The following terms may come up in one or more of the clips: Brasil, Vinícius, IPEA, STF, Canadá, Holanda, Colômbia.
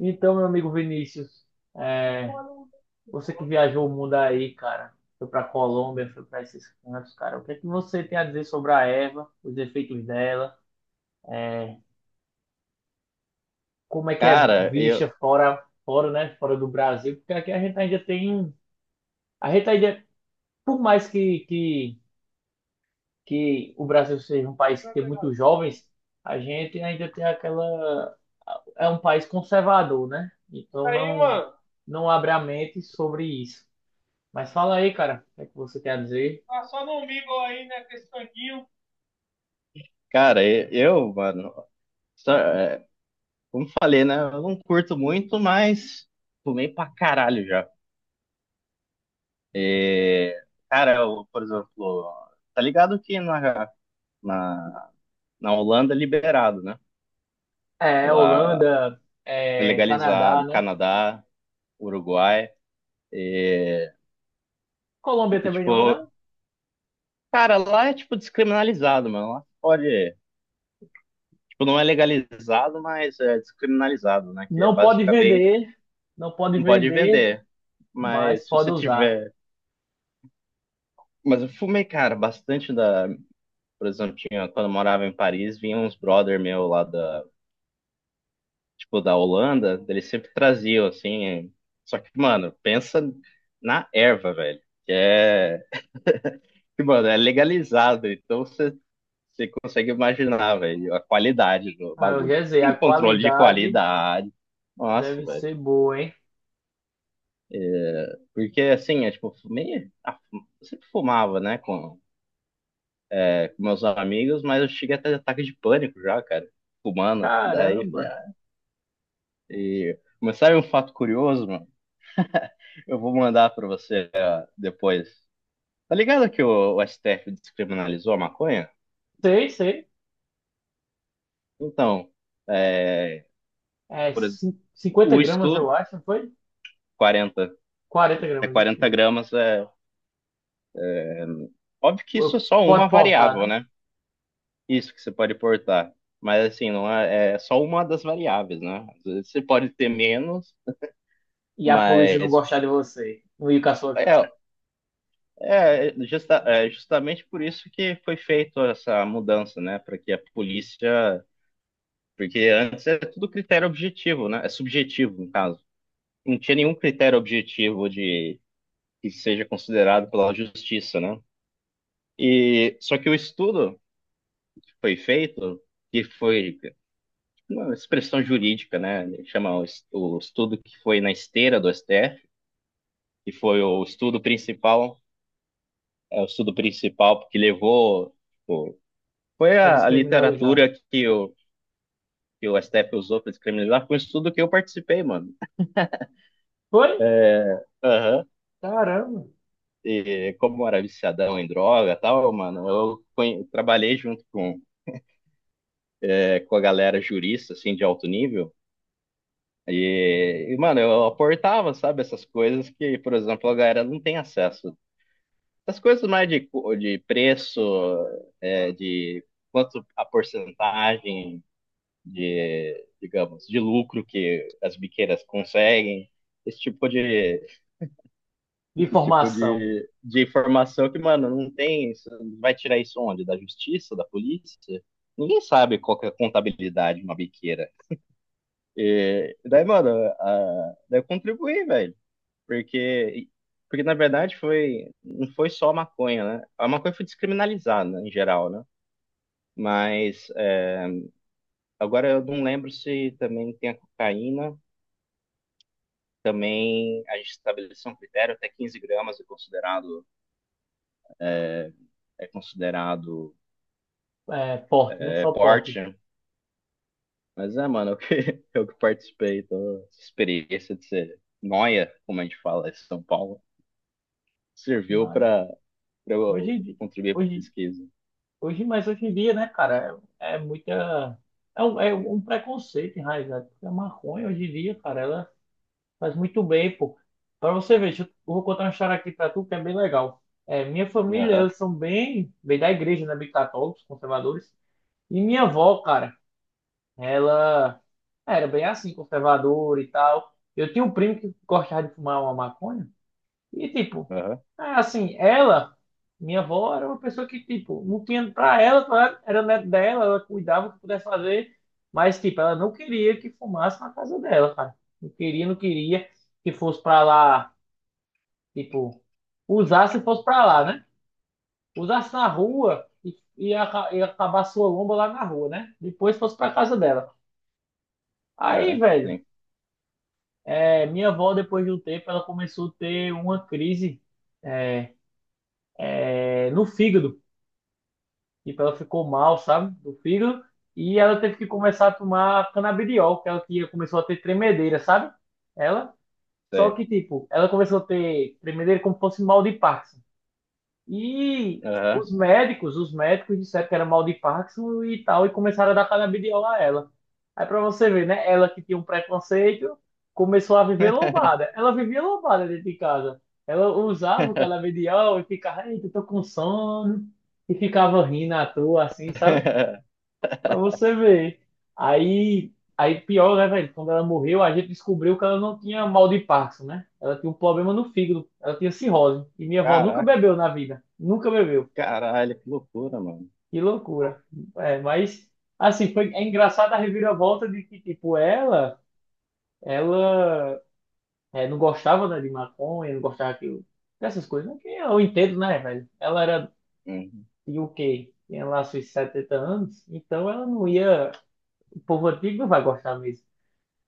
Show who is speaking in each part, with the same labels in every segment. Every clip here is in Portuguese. Speaker 1: Então, meu amigo Vinícius, é, você que viajou o mundo aí, cara, foi pra Colômbia, foi pra esses cantos, cara, o que é que você tem a dizer sobre a erva, os efeitos dela, como é que é
Speaker 2: Cara,
Speaker 1: vista
Speaker 2: eu,
Speaker 1: fora, fora, né, fora do Brasil? Porque aqui a gente ainda tem, um, a gente ainda, por mais que, que o Brasil seja um país que tem muitos jovens, a gente ainda tem aquela, é um país conservador, né? Então não abre a mente sobre isso. Mas fala aí, cara, o que é que você quer dizer?
Speaker 2: cara, eu, mano, só- é, como falei, né? Eu não curto muito, mas fumei pra caralho já. É, Cara, eu, por exemplo, tá ligado que na, na Holanda é liberado, né? Tipo, lá
Speaker 1: Holanda,
Speaker 2: é
Speaker 1: Canadá,
Speaker 2: legalizado,
Speaker 1: né?
Speaker 2: Canadá, Uruguai.
Speaker 1: Colômbia
Speaker 2: Então,
Speaker 1: também não é,
Speaker 2: tipo,
Speaker 1: não?
Speaker 2: cara, lá é tipo descriminalizado, mano. Lá pode, tipo, não é legalizado, mas é descriminalizado, né? Que é
Speaker 1: Não pode
Speaker 2: basicamente
Speaker 1: vender, não pode
Speaker 2: não pode
Speaker 1: vender,
Speaker 2: vender.
Speaker 1: mas
Speaker 2: Mas se
Speaker 1: pode
Speaker 2: você
Speaker 1: usar.
Speaker 2: tiver. Mas eu fumei, cara, bastante da. Por exemplo, tinha, quando eu morava em Paris, vinha uns brother meu lá da, tipo, da Holanda, eles sempre traziam, assim. Só que, mano, pensa na erva, velho. Que é. Que, mano, é legalizado, então você consegue imaginar, velho, a qualidade do
Speaker 1: Ah, eu
Speaker 2: bagulho.
Speaker 1: já sei,
Speaker 2: Tem
Speaker 1: a
Speaker 2: controle de
Speaker 1: qualidade
Speaker 2: qualidade. Nossa,
Speaker 1: deve
Speaker 2: velho.
Speaker 1: ser boa, hein?
Speaker 2: Porque, assim, é tipo, fumei. Ah, eu sempre fumava, né? Com meus amigos, mas eu cheguei até de ataque de pânico já, cara. Humano. Daí, falei,
Speaker 1: Caramba!
Speaker 2: e... Mas sabe um fato curioso, mano? Eu vou mandar pra você depois. Tá ligado que o STF descriminalizou a maconha?
Speaker 1: Sei, sei.
Speaker 2: Então, é, por exemplo,
Speaker 1: 50
Speaker 2: o
Speaker 1: gramas,
Speaker 2: estudo,
Speaker 1: eu acho, não foi?
Speaker 2: 40,
Speaker 1: quarenta
Speaker 2: é
Speaker 1: gramas, isso
Speaker 2: 40
Speaker 1: mesmo.
Speaker 2: gramas, é óbvio que isso é só
Speaker 1: Pode
Speaker 2: uma
Speaker 1: portar, né?
Speaker 2: variável, né? Isso que você pode portar. Mas assim, não é, é só uma das variáveis, né? Às vezes você pode ter menos,
Speaker 1: E a polícia não
Speaker 2: mas
Speaker 1: gostar de você, não ir com a sua
Speaker 2: é,
Speaker 1: cara,
Speaker 2: Justamente por isso que foi feita essa mudança, né? Para que a polícia. Porque antes era tudo critério objetivo, né? É subjetivo, no caso. Não tinha nenhum critério objetivo de que seja considerado pela justiça, né? E só que o estudo que foi feito, que foi uma expressão jurídica, né? Ele chama o estudo que foi na esteira do STF, que foi o estudo principal, é o estudo principal que levou. Foi
Speaker 1: pra
Speaker 2: a
Speaker 1: descriminalizar.
Speaker 2: literatura que o STF usou para descriminalizar, foi um estudo que eu participei, mano.
Speaker 1: Foi?
Speaker 2: Aham.
Speaker 1: Caramba!
Speaker 2: E como eu era viciadão em droga e tal, mano, trabalhei junto com, com a galera jurista, assim, de alto nível. Mano, eu aportava, sabe, essas coisas que, por exemplo, a galera não tem acesso. Essas coisas mais de preço, de quanto a porcentagem, digamos, de lucro que as biqueiras conseguem, esse tipo de,
Speaker 1: De
Speaker 2: esse tipo
Speaker 1: informação.
Speaker 2: de informação que, mano, não tem. Você Vai tirar isso onde? Da justiça, da polícia? Ninguém sabe qual que é a contabilidade de uma biqueira. Daí, mano, daí eu contribuí, velho. Porque, porque, na verdade, foi, não foi só a maconha, né? A maconha foi descriminalizada, né, em geral, né? Mas é, agora eu não lembro se também tem a cocaína. Também a gente estabeleceu um critério, até 15 gramas é considerado
Speaker 1: É, porte, né? Só porte.
Speaker 2: porte, né? Mas é, mano, eu que, eu que participei, então, essa experiência de ser noia, como a gente fala em São Paulo, serviu
Speaker 1: Mas
Speaker 2: pra, pra
Speaker 1: hoje,
Speaker 2: eu
Speaker 1: em di-
Speaker 2: contribuir pra
Speaker 1: hoje,
Speaker 2: pesquisa.
Speaker 1: hoje, mas hoje em dia, né, cara, é muita. É um preconceito enraizado. Porque a maconha hoje em dia, cara, ela faz muito bem, pô. Pra você ver, eu vou contar uma história aqui pra tu que é bem legal. É, minha família,
Speaker 2: Aham,
Speaker 1: eles são bem da igreja, né? Bem católicos, conservadores. E minha avó, cara, ela era bem assim, conservadora e tal. Eu tinha um primo que gostava de fumar uma maconha. E tipo,
Speaker 2: aham,
Speaker 1: é assim, ela, minha avó era uma pessoa que, tipo, não tinha pra ela, claro, era neto dela, ela cuidava o que pudesse fazer, mas, tipo, ela não queria que fumasse na casa dela, cara. Não queria que fosse pra lá, tipo, usasse e fosse pra lá, né? Usasse na rua e acabar sua lomba lá na rua, né? Depois fosse pra casa dela. Aí,
Speaker 2: aham,
Speaker 1: velho,
Speaker 2: sim,
Speaker 1: minha avó, depois de um tempo, ela começou a ter uma crise, é, no fígado. Tipo, ela ficou mal, sabe? Do fígado. E ela teve que começar a tomar canabidiol, que é ela tinha, começou a ter tremedeira, sabe? Ela. Só
Speaker 2: sei.
Speaker 1: que, tipo, ela começou a ter tremedeira como se fosse mal de Parkinson. E
Speaker 2: Aham.
Speaker 1: os médicos disseram que era mal de Parkinson e tal, e começaram a dar canabidiol a ela. Aí pra você ver, né? Ela que tinha um preconceito, começou a viver lombada. Ela vivia lombada dentro de casa. Ela usava o canabidiol e ficava, eita, tô com sono. E ficava rindo à toa, assim, sabe? Pra você ver. Aí, aí pior, né, velho? Quando ela morreu, a gente descobriu que ela não tinha mal de Parkinson, né? Ela tinha um problema no fígado. Ela tinha cirrose. E minha avó nunca
Speaker 2: Caraca,
Speaker 1: bebeu na vida. Nunca bebeu.
Speaker 2: caralho, que loucura, mano.
Speaker 1: Que loucura. É, mas, assim, foi, é engraçado a reviravolta de que, tipo, ela é, não gostava, né, de maconha, não gostava que, dessas coisas, né? Que eu entendo, né, velho? Ela era
Speaker 2: Uhum.
Speaker 1: de o quê? Tinha lá seus 70 anos. Então ela não ia. O povo antigo não vai gostar mesmo.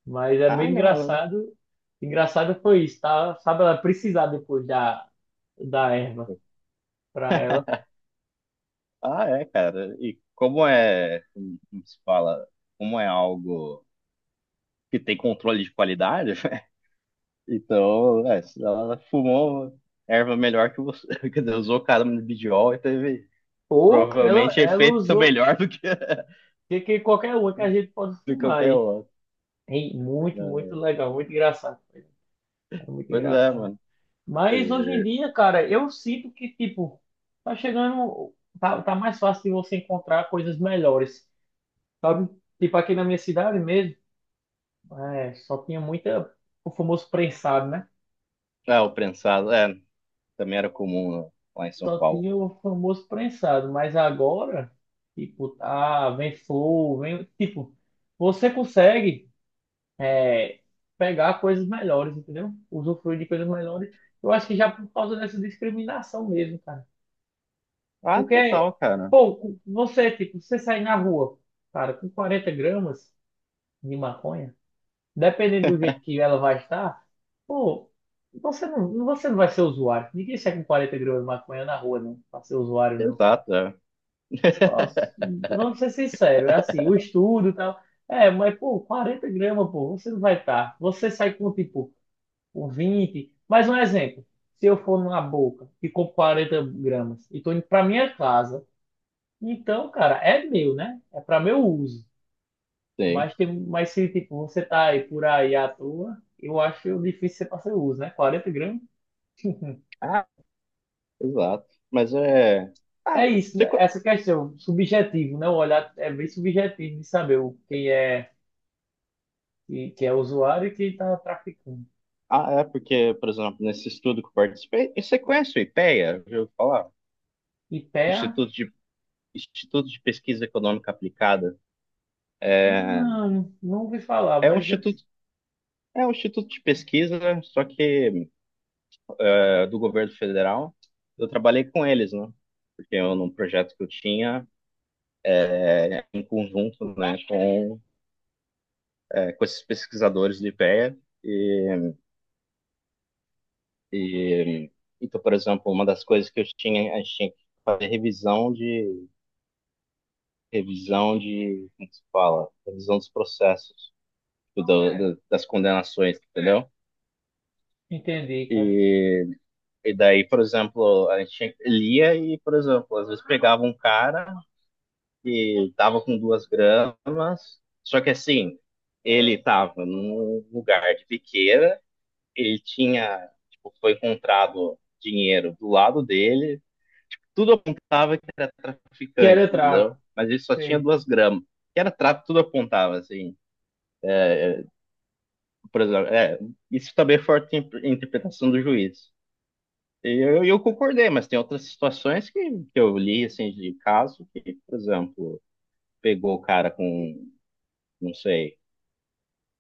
Speaker 1: Mas é
Speaker 2: Ah,
Speaker 1: bem
Speaker 2: não,
Speaker 1: engraçado. Engraçado foi isso, tá? Sabe, ela precisar depois da, da erva pra ela.
Speaker 2: ah, é, cara. E como é, como se fala, como é algo que tem controle de qualidade. Então, é, se ela fumou erva melhor que você, quer dizer, usou caramba de bidiol e teve
Speaker 1: Ou
Speaker 2: provavelmente
Speaker 1: ela
Speaker 2: efeito
Speaker 1: usou
Speaker 2: melhor do que,
Speaker 1: que qualquer uma que a gente pode
Speaker 2: do que
Speaker 1: fumar
Speaker 2: qualquer
Speaker 1: aí.
Speaker 2: outro,
Speaker 1: Hein? Muito
Speaker 2: né?
Speaker 1: legal, muito engraçado. Foi muito
Speaker 2: Pois é,
Speaker 1: engraçado.
Speaker 2: mano.
Speaker 1: Mas hoje em
Speaker 2: E-
Speaker 1: dia, cara, eu sinto que, tipo, tá chegando. Tá mais fácil de você encontrar coisas melhores. Sabe? Tipo, aqui na minha cidade mesmo, é, só tinha muita. O famoso prensado, né?
Speaker 2: É, o prensado, é, também era comum lá em São
Speaker 1: Só
Speaker 2: Paulo.
Speaker 1: tinha o famoso prensado, mas agora, tipo, ah, vem flor, vem, tipo, você consegue é, pegar coisas melhores, entendeu? Usufruir de coisas melhores. Eu acho que já por causa dessa discriminação mesmo, cara.
Speaker 2: Ah,
Speaker 1: Porque,
Speaker 2: total, cara.
Speaker 1: pô, você, tipo, você sair na rua, cara, com 40 gramas de maconha, dependendo do jeito que ela vai estar, pô, você não vai ser usuário. Ninguém sai com 40 gramas de maconha na rua, não, pra ser usuário, não.
Speaker 2: Exato, é.
Speaker 1: Só- vamos ser sinceros, é assim, o estudo e tal. É, mas, pô, 40 gramas, pô, você não vai estar. Você sai com, tipo, um 20. Mas um exemplo. Se eu for numa boca e compro 40 gramas e tô indo pra minha casa, então, cara, é meu, né? É pra meu uso.
Speaker 2: Sim.
Speaker 1: Mas, tem, mas se, tipo, você tá aí por aí à toa, eu acho difícil ser pra seu uso, né? 40 gramas.
Speaker 2: Ah, exato. Mas é. Ah,
Speaker 1: É isso,
Speaker 2: você...
Speaker 1: né?
Speaker 2: co-
Speaker 1: Essa questão, subjetivo, né? O olhar é bem subjetivo de saber quem é. E que é usuário e que está traficando.
Speaker 2: ah, é porque, por exemplo, nesse estudo que eu participei, e você conhece o IPEA? Já ouviu falar?
Speaker 1: E IPEA?
Speaker 2: Instituto de Instituto de Pesquisa Econômica Aplicada. É,
Speaker 1: Não, não ouvi falar,
Speaker 2: é um
Speaker 1: mas eu
Speaker 2: instituto, é um instituto de pesquisa, né? Só que é, do governo federal. Eu trabalhei com eles, né? Porque eu, num projeto que eu tinha, em conjunto, né, com, é, com esses pesquisadores do IPEA. E, A. e, e, então, por exemplo, uma das coisas que eu tinha, a gente tinha que fazer revisão de, como se fala? Revisão dos processos, das condenações, entendeu?
Speaker 1: entendi, cara.
Speaker 2: E. E daí, por exemplo, a gente lia e, por exemplo, às vezes pegava um cara que tava com duas gramas, só que assim, ele tava num lugar de biqueira, ele tinha, tipo, foi encontrado dinheiro do lado dele, tudo apontava que era
Speaker 1: Que
Speaker 2: traficante,
Speaker 1: era
Speaker 2: entendeu?
Speaker 1: tráfico,
Speaker 2: Mas ele só tinha
Speaker 1: sei.
Speaker 2: duas gramas, que era tráfico, tudo apontava, assim. Por exemplo, é, isso também é forte interpretação do juiz. Eu concordei, mas tem outras situações que eu li, assim, de caso que, por exemplo, pegou o cara com, não sei,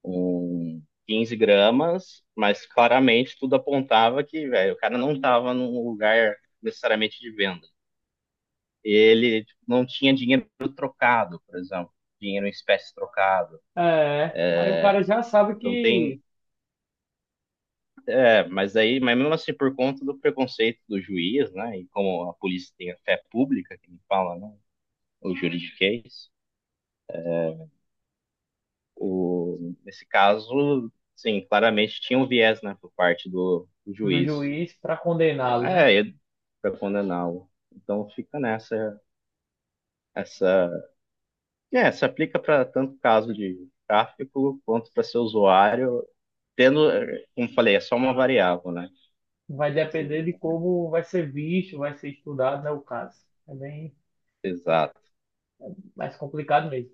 Speaker 2: um 15 gramas, mas claramente tudo apontava que, velho, o cara não estava num lugar necessariamente de venda. Ele tipo, não tinha dinheiro trocado, por exemplo, dinheiro em espécie trocado.
Speaker 1: É, aí o cara já sabe
Speaker 2: Então tem,
Speaker 1: que
Speaker 2: é, mas aí, mas mesmo assim, por conta do preconceito do juiz, né, e como a polícia tem a fé pública, que me fala, né, o juridiquês. O, nesse caso, sim, claramente tinha um viés, né, por parte do
Speaker 1: do
Speaker 2: juiz.
Speaker 1: juiz para condená-lo, né?
Speaker 2: É para condená-lo. Então fica nessa essa é, se aplica para tanto caso de tráfico quanto para seu usuário, tendo, como falei, é só uma variável, né?
Speaker 1: Vai depender de como vai ser visto, vai ser estudado, né, o caso. É bem
Speaker 2: Exato.
Speaker 1: mais complicado mesmo.